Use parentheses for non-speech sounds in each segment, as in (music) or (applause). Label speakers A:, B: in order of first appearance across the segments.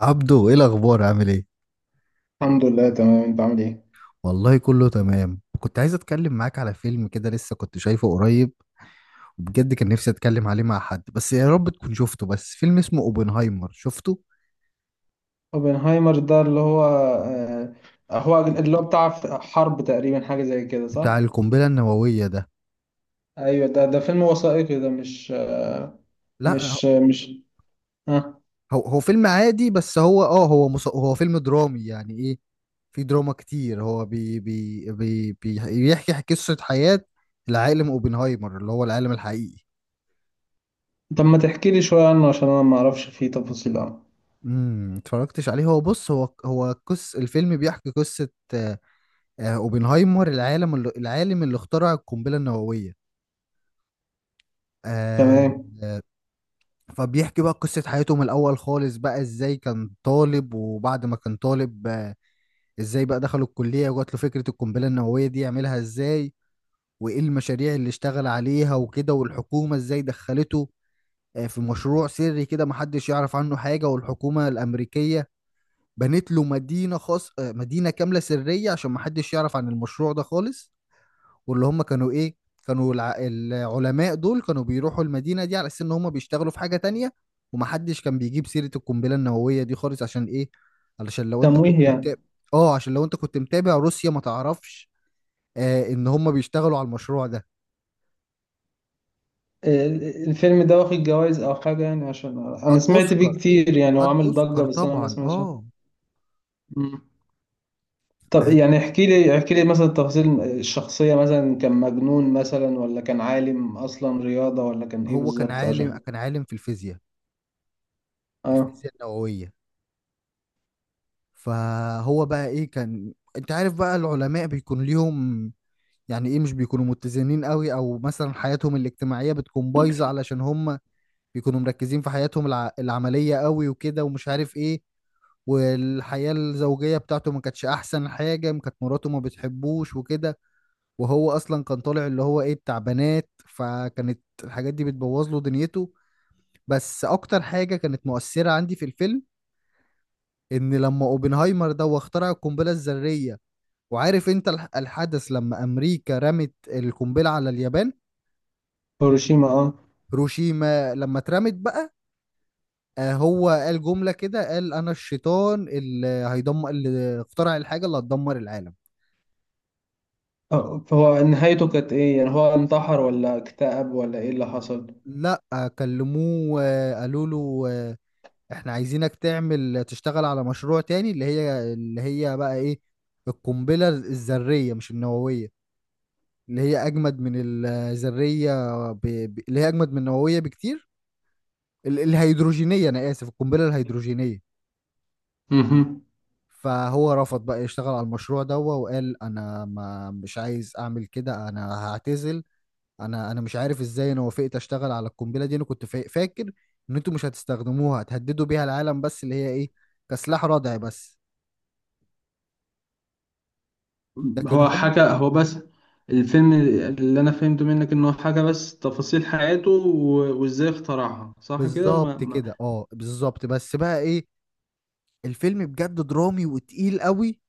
A: عبدو، ايه الاخبار؟ عامل ايه؟
B: الحمد لله، تمام. انت عامل ايه؟
A: والله كله تمام. كنت عايز اتكلم معاك على فيلم كده لسه كنت شايفه قريب، وبجد كان نفسي اتكلم عليه مع حد. بس يا رب تكون شفته، بس فيلم اسمه اوبنهايمر. شفته؟
B: اوبنهايمر ده اللي هو هو اللي هو بتاع حرب تقريبا، حاجة زي كده،
A: بتاع
B: صح؟
A: القنبلة النووية ده.
B: ايوه، ده فيلم وثائقي؟ ده مش آه،
A: لا
B: مش آه، مش اه
A: هو فيلم عادي. بس هو اه هو مص... هو فيلم درامي، يعني ايه؟ في دراما كتير. هو بي بي بي بي- بيحكي قصة حياة العالم اوبنهايمر، اللي هو العالم الحقيقي.
B: طب ما تحكي لي شوية عنه، عشان انا ما اعرفش فيه تفاصيل عنه.
A: اتفرجتش عليه؟ هو بص، هو قص الفيلم بيحكي قصة اوبنهايمر، العالم اللي اخترع القنبله النوويه. آه.
B: تمام.
A: فبيحكي بقى قصه حياته من الاول خالص، بقى ازاي كان طالب، وبعد ما كان طالب، ازاي بقى دخل الكليه وجات له فكره القنبله النوويه دي يعملها ازاي، وايه المشاريع اللي اشتغل عليها وكده، والحكومه ازاي دخلته في مشروع سري كده، محدش يعرف عنه حاجه. والحكومه الامريكيه بنت له مدينه خاص، مدينه كامله سريه عشان محدش يعرف عن المشروع ده خالص. واللي هم كانوا ايه، كانوا العلماء دول كانوا بيروحوا المدينة دي على اساس ان هم بيشتغلوا في حاجة تانية. ومحدش كان بيجيب سيرة القنبلة النووية دي خالص. عشان ايه؟ علشان لو انت
B: تمويه
A: كنت
B: يعني؟
A: متابع، اه، عشان لو انت كنت متابع، روسيا ما تعرفش ان هم بيشتغلوا على المشروع ده.
B: آه، الفيلم ده واخد جوائز او حاجة يعني؟ عشان انا
A: خد
B: سمعت
A: اوسكار.
B: فيه كتير يعني،
A: خد
B: وعامل ضجة،
A: اوسكار
B: بس انا ما
A: طبعا،
B: سمعتش
A: اه.
B: عنه. طب
A: آه،
B: يعني احكي لي مثلا تفاصيل الشخصية، مثلا كان مجنون، مثلا ولا كان عالم أصلا رياضة، ولا كان إيه
A: هو كان
B: بالظبط؟
A: عالم،
B: عشان…
A: كان عالم في الفيزياء،
B: اه.
A: الفيزياء النووية. فهو بقى ايه، كان، انت عارف بقى العلماء بيكون ليهم، يعني ايه، مش بيكونوا متزنين قوي، او مثلا حياتهم الاجتماعية بتكون بايظة، علشان هم بيكونوا مركزين في حياتهم العملية قوي وكده، ومش عارف ايه. والحياة الزوجية بتاعته ما كانتش احسن حاجة، ما كانت مراته ما بتحبوش وكده. وهو اصلا كان طالع اللي هو ايه، بتاع بنات، فكانت الحاجات دي بتبوظ له دنيته. بس اكتر حاجة كانت مؤثرة عندي في الفيلم، ان لما اوبنهايمر ده هو اخترع القنبلة الذرية، وعارف انت الحدث لما امريكا رمت القنبلة على اليابان.
B: هيروشيما، اه.
A: هيروشيما لما اترمت بقى، هو قال جملة كده، قال: أنا الشيطان اللي هيدمر، اللي اخترع الحاجة اللي هتدمر العالم.
B: فهو نهايته كانت إيه يعني؟ هو انتحر ولا اكتئب ولا إيه اللي حصل؟
A: لا، كلموه، قالوا له، احنا عايزينك تعمل، تشتغل على مشروع تاني، اللي هي بقى ايه، القنبلة الذرية، مش النووية. اللي هي أجمد من الذرية، اللي هي أجمد من النووية بكتير، الهيدروجينية، أنا آسف، القنبلة الهيدروجينية.
B: مهم.
A: فهو رفض بقى يشتغل على المشروع ده، وقال: انا ما مش عايز اعمل كده، انا هعتزل. انا مش عارف ازاي انا وافقت اشتغل على القنبله دي. انا كنت فاكر ان انتوا مش هتستخدموها، هتهددوا بيها العالم بس، اللي هي ايه، كسلاح ردع بس. لكن
B: هو
A: هم
B: حكى هو بس الفيلم، اللي أنا فهمته منك إنه حكى بس تفاصيل حياته و- وإزاي اخترعها، صح كده؟ ما
A: بالظبط
B: ما
A: كده، اه، بالظبط. بس بقى ايه، الفيلم بجد درامي وتقيل قوي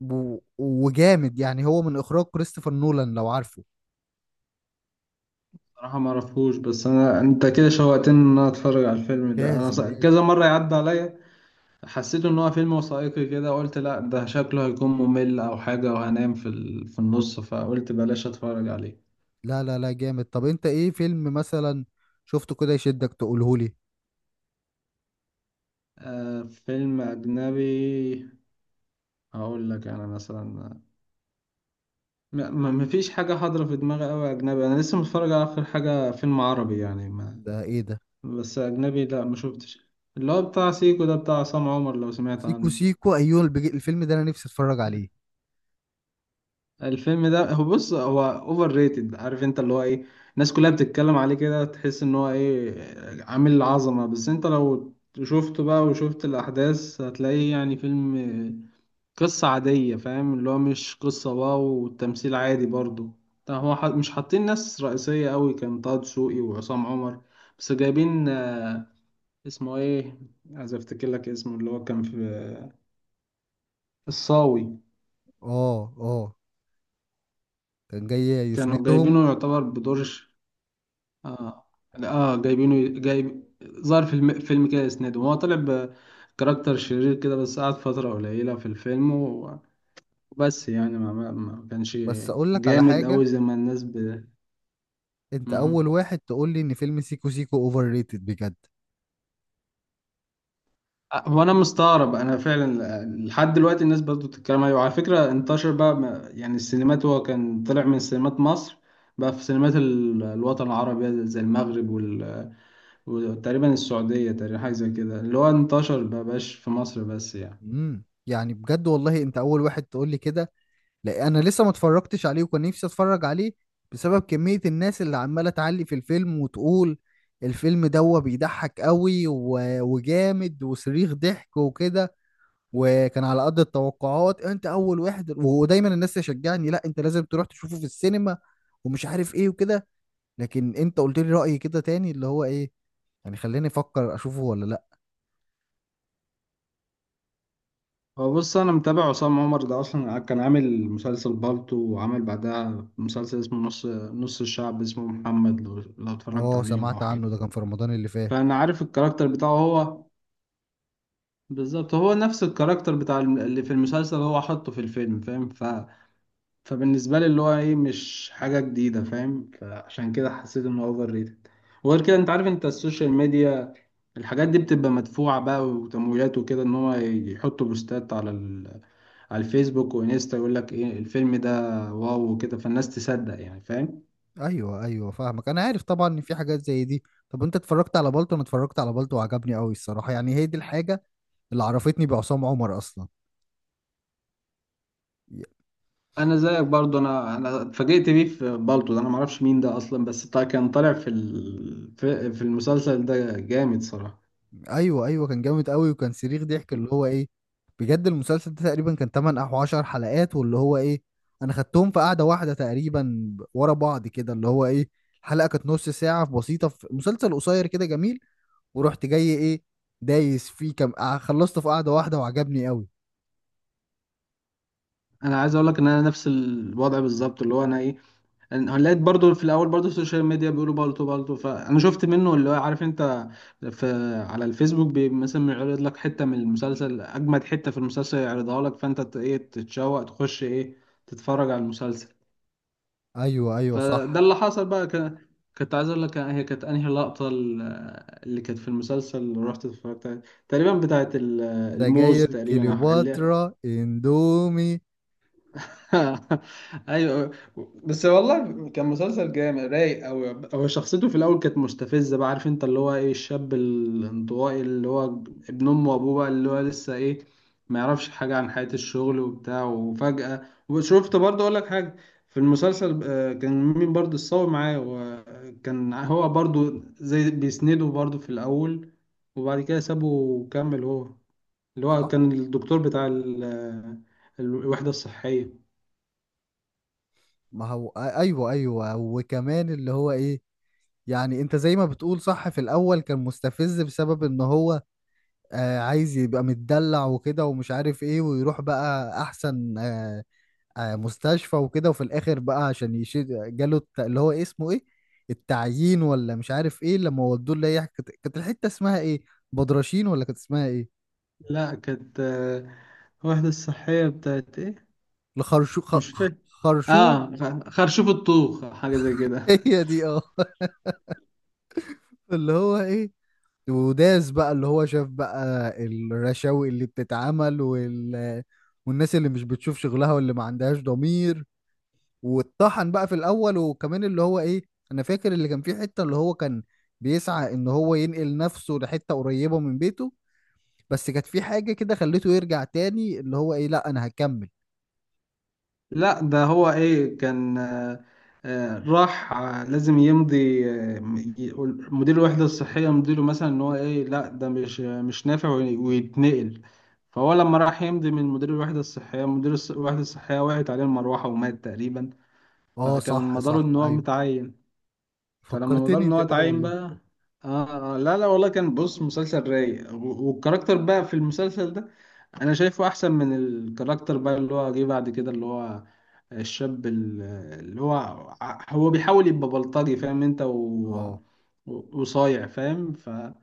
A: وجامد. يعني هو من اخراج كريستوفر نولان، لو عارفه.
B: صراحة ما أعرفوش، بس أنا أنت كده شوقتني إن أنا أتفرج على الفيلم ده. أنا
A: لازم، لازم.
B: كذا مرة يعدي عليا، حسيت ان هو فيلم وثائقي كده، قلت لا ده شكله هيكون ممل او حاجة وهنام في النص، فقلت بلاش اتفرج عليه.
A: لا لا لا، جامد. طب انت ايه فيلم مثلا شفته كده يشدك، تقولهولي؟
B: فيلم اجنبي، هقول لك انا مثلا، مفيش حاجة حاضرة في دماغي قوي اجنبي. انا لسه متفرج على اخر حاجة فيلم عربي يعني ما
A: ده ايه ده؟
B: بس اجنبي لا، ما شفتش. اللي هو بتاع سيكو ده، بتاع عصام عمر، لو سمعت
A: سيكو
B: عنه.
A: سيكو، ايوه. الفيلم ده انا نفسي اتفرج عليه.
B: الفيلم ده هو بص، هو اوفر ريتد، عارف انت اللي هو ايه؟ الناس كلها بتتكلم عليه كده، تحس ان هو ايه عامل عظمة. بس انت لو شفته بقى وشفت الاحداث، هتلاقيه يعني فيلم قصة عادية، فاهم، اللي هو مش قصة واو، والتمثيل عادي برضو. طب هو مش حاطين ناس رئيسية قوي، كان طه دسوقي وعصام عمر، بس جايبين اسمه ايه، عايز افتكر لك اسمه، اللي هو كان في… الصاوي.
A: اه، اه، كان جاي
B: كانوا
A: يسندهم.
B: جايبينه يعتبر بدور. اه، اه، جايب ظهر في فيلم كده اسناده، هو طلع بكاركتر شرير كده، بس قعد فترة قليلة في الفيلم و- وبس يعني ما كانش
A: بس اقول لك على
B: جامد أوي
A: حاجة،
B: زي ما الناس.
A: انت اول
B: مهم.
A: واحد تقول لي ان فيلم سيكو سيكو اوفر ريتد بجد.
B: هو أنا مستغرب، أنا فعلا لحد دلوقتي الناس برضو بتتكلم عليه. وعلى فكرة انتشر بقى، يعني السينمات، هو كان طلع من سينمات مصر، بقى في سينمات الوطن العربي زي المغرب وتقريبا السعودية، تقريبا حاجة زي كده، اللي هو انتشر بقى، بقاش في مصر بس يعني.
A: يعني بجد والله، انت اول واحد تقول لي كده. لا انا لسه ما اتفرجتش عليه، وكان نفسي اتفرج عليه بسبب كمية الناس اللي عمالة تعلي في الفيلم، وتقول الفيلم ده بيضحك قوي وجامد وصريخ ضحك وكده، وكان على قد التوقعات. انت اول واحد. ودايما الناس تشجعني: لا انت لازم تروح تشوفه في السينما ومش عارف ايه وكده. لكن انت قلت لي رأي كده تاني، اللي هو ايه، يعني خليني افكر اشوفه ولا لا.
B: هو بص، انا متابع عصام عمر ده اصلا، كان عامل مسلسل بالطو، وعمل بعدها مسلسل اسمه نص نص، الشعب اسمه محمد، لو اتفرجت
A: اه،
B: عليهم او
A: سمعت عنه،
B: حاجه.
A: ده كان في رمضان اللي فات.
B: فانا عارف الكاركتر بتاعه هو بالظبط، هو نفس الكاركتر بتاع اللي في المسلسل، هو حطه في الفيلم، فاهم. فبالنسبه لي اللي هو ايه مش حاجه جديده، فاهم، فعشان كده حسيت انه اوفر ريتد. وغير كده انت عارف، انت السوشيال ميديا، الحاجات دي بتبقى مدفوعة بقى وتمويلات وكده، ان هو يحطوا بوستات على على الفيسبوك وانستا، يقول لك ايه الفيلم ده واو وكده، فالناس تصدق يعني، فاهم.
A: ايوه ايوه، فاهمك، انا عارف طبعا ان في حاجات زي دي. طب انت اتفرجت على بالطو؟ انا اتفرجت على بالطو وعجبني قوي الصراحه. يعني هي دي الحاجه اللي عرفتني بعصام عمر اصلا. ي-
B: انا زيك برضو، انا اتفاجئت بيه في بالطو ده، انا معرفش مين ده اصلا، بس كان طالع في في المسلسل ده جامد صراحة.
A: ايوه ايوه، كان جامد قوي، وكان صريخ ضحك. اللي هو ايه، بجد المسلسل ده تقريبا كان 8 او 10 حلقات، واللي هو ايه، انا خدتهم في قعده واحده تقريبا، ورا بعض كده. اللي هو ايه، الحلقه كانت نص ساعه بسيطه، في مسلسل قصير كده جميل، ورحت جاي ايه، دايس فيه كم خلصته في قعده واحده وعجبني قوي.
B: انا عايز اقول لك ان انا نفس الوضع بالظبط، اللي هو انا ايه، هنلاقي برضو في الاول برضو السوشيال ميديا بيقولوا بالتو بالتو، فانا شفت منه، اللي هو، عارف انت، في على الفيسبوك بي مثلا يعرض لك حته من المسلسل، اجمد حته في المسلسل يعرضها لك، فانت ايه تتشوق تخش ايه تتفرج على المسلسل.
A: ايوه ايوه،
B: فده
A: صح.
B: اللي حصل بقى كنت عايز اقول لك، هي كانت انهي لقطه اللي كانت في المسلسل اللي رحت اتفرجت عليها؟ تقريبا بتاعت الموز
A: سجاير
B: تقريبا، اللي…
A: كليوباترا اندومي.
B: (laughs) ايوه. بس والله كان مسلسل جامد رايق. او هو شخصيته في الاول كانت مستفزه بقى، عارف انت اللي هو ايه، الشاب الانطوائي، اللي هو ابن امه وابوه بقى، اللي هو لسه ايه، ما يعرفش حاجه عن حياه الشغل وبتاع، وفجاه… وشفت برضه، اقول لك حاجه، في المسلسل كان مين برضه، الصاوي معاه، وكان هو برضه زي بيسنده برضه في الاول، وبعد كده سابه وكمل هو، اللي هو
A: صح.
B: كان الدكتور بتاع الوحده الصحيه.
A: ما هو ايوه ايوه، وكمان اللي هو ايه، يعني انت زي ما بتقول، صح، في الاول كان مستفز بسبب ان هو، آه، عايز يبقى متدلع وكده، ومش عارف ايه، ويروح بقى احسن مستشفى وكده. وفي الاخر بقى، عشان يشيل جاله اللي هو إيه، اسمه ايه، التعيين، ولا مش عارف ايه. لما ودوه، اللي هي كانت الحتة اسمها ايه، بدرشين ولا كانت اسمها ايه،
B: لا كانت واحدة الصحية بتاعت ايه،
A: لخرشو خ...
B: مش
A: خ-
B: فاكر.
A: خرشوم.
B: اه، خرشوف الطوخ أو حاجة زي كده.
A: (laughs) هي دي، اه. اللي هو ايه، وداس بقى، اللي هو شاف بقى الرشاوي اللي بتتعمل والناس اللي مش بتشوف شغلها واللي ما عندهاش ضمير، واتطحن بقى في الاول. وكمان اللي هو ايه، انا فاكر اللي كان فيه حتة، اللي هو كان بيسعى ان هو ينقل نفسه لحتة قريبة من بيته، بس كانت في حاجة كده خليته يرجع تاني. اللي هو ايه، لا انا هكمل.
B: (laughs) لا ده هو ايه، كان راح لازم يمضي، مدير الوحدة الصحية، مديره مثلا، ان هو ايه لا ده مش نافع ويتنقل. فهو لما راح يمضي من مدير الوحدة الصحية، وقعت عليه المروحة ومات تقريبا.
A: اه،
B: فكان
A: صح
B: مداره
A: صح،
B: ان هو
A: ايوه،
B: متعين. فلما بدأنا
A: فكرتني
B: ان
A: انت
B: هو
A: كده
B: اتعين
A: والله.
B: بقى… لا، لا، والله كان بص، مسلسل رايق، و- والكاركتر بقى في المسلسل ده انا شايفه احسن من الكاركتر بقى اللي هو جه بعد كده، اللي هو الشاب اللي هو هو بيحاول يبقى بلطجي فاهم انت،
A: اه،
B: وصايع فاهم، فهو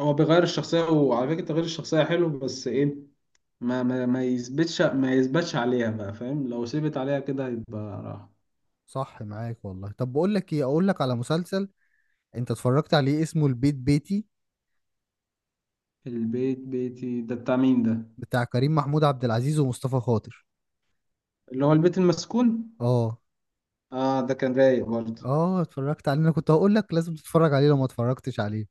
B: بيغير الشخصية. وعلى فكرة تغيير الشخصية حلو، بس ايه ما يثبتش عليها بقى فاهم، لو ثبت عليها كده يبقى راح.
A: صح، معاك والله. طب بقول لك ايه، اقول لك على مسلسل، انت اتفرجت عليه اسمه البيت بيتي؟
B: البيت بيتي ده بتاع مين ده؟
A: بتاع كريم محمود عبد العزيز ومصطفى خاطر.
B: اللي هو البيت المسكون.
A: اه.
B: اه، ده كان رايق برضه.
A: اه، اتفرجت عليه؟ انا كنت هقول لك لازم تتفرج عليه لو ما اتفرجتش عليه.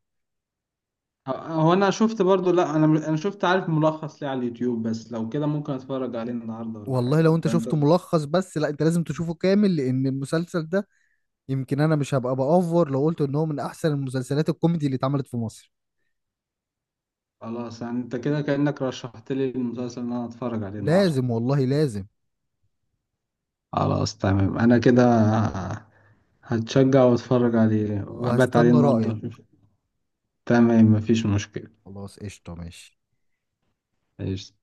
B: هو انا شفت برضو، لا انا شفت عارف ملخص ليه على اليوتيوب، بس لو كده ممكن اتفرج عليه النهارده ولا
A: والله
B: حاجه،
A: لو انت
B: يبقى انت…
A: شفته ملخص بس، لا، انت لازم تشوفه كامل، لان المسلسل ده يمكن انا مش هبقى بأوفر لو قلت ان هو من احسن المسلسلات الكوميدي اللي اتعملت في مصر.
B: خلاص يعني، انت كده كانك رشحت لي المسلسل اللي انا اتفرج عليه النهارده.
A: لازم والله، لازم.
B: خلاص تمام، انا كده هتشجع واتفرج عليه وابات عليه
A: وهستنى
B: النهارده
A: رأيك.
B: أشوف. تمام، مفيش مشكله.
A: خلاص، قشطة، ماشي.
B: ايش.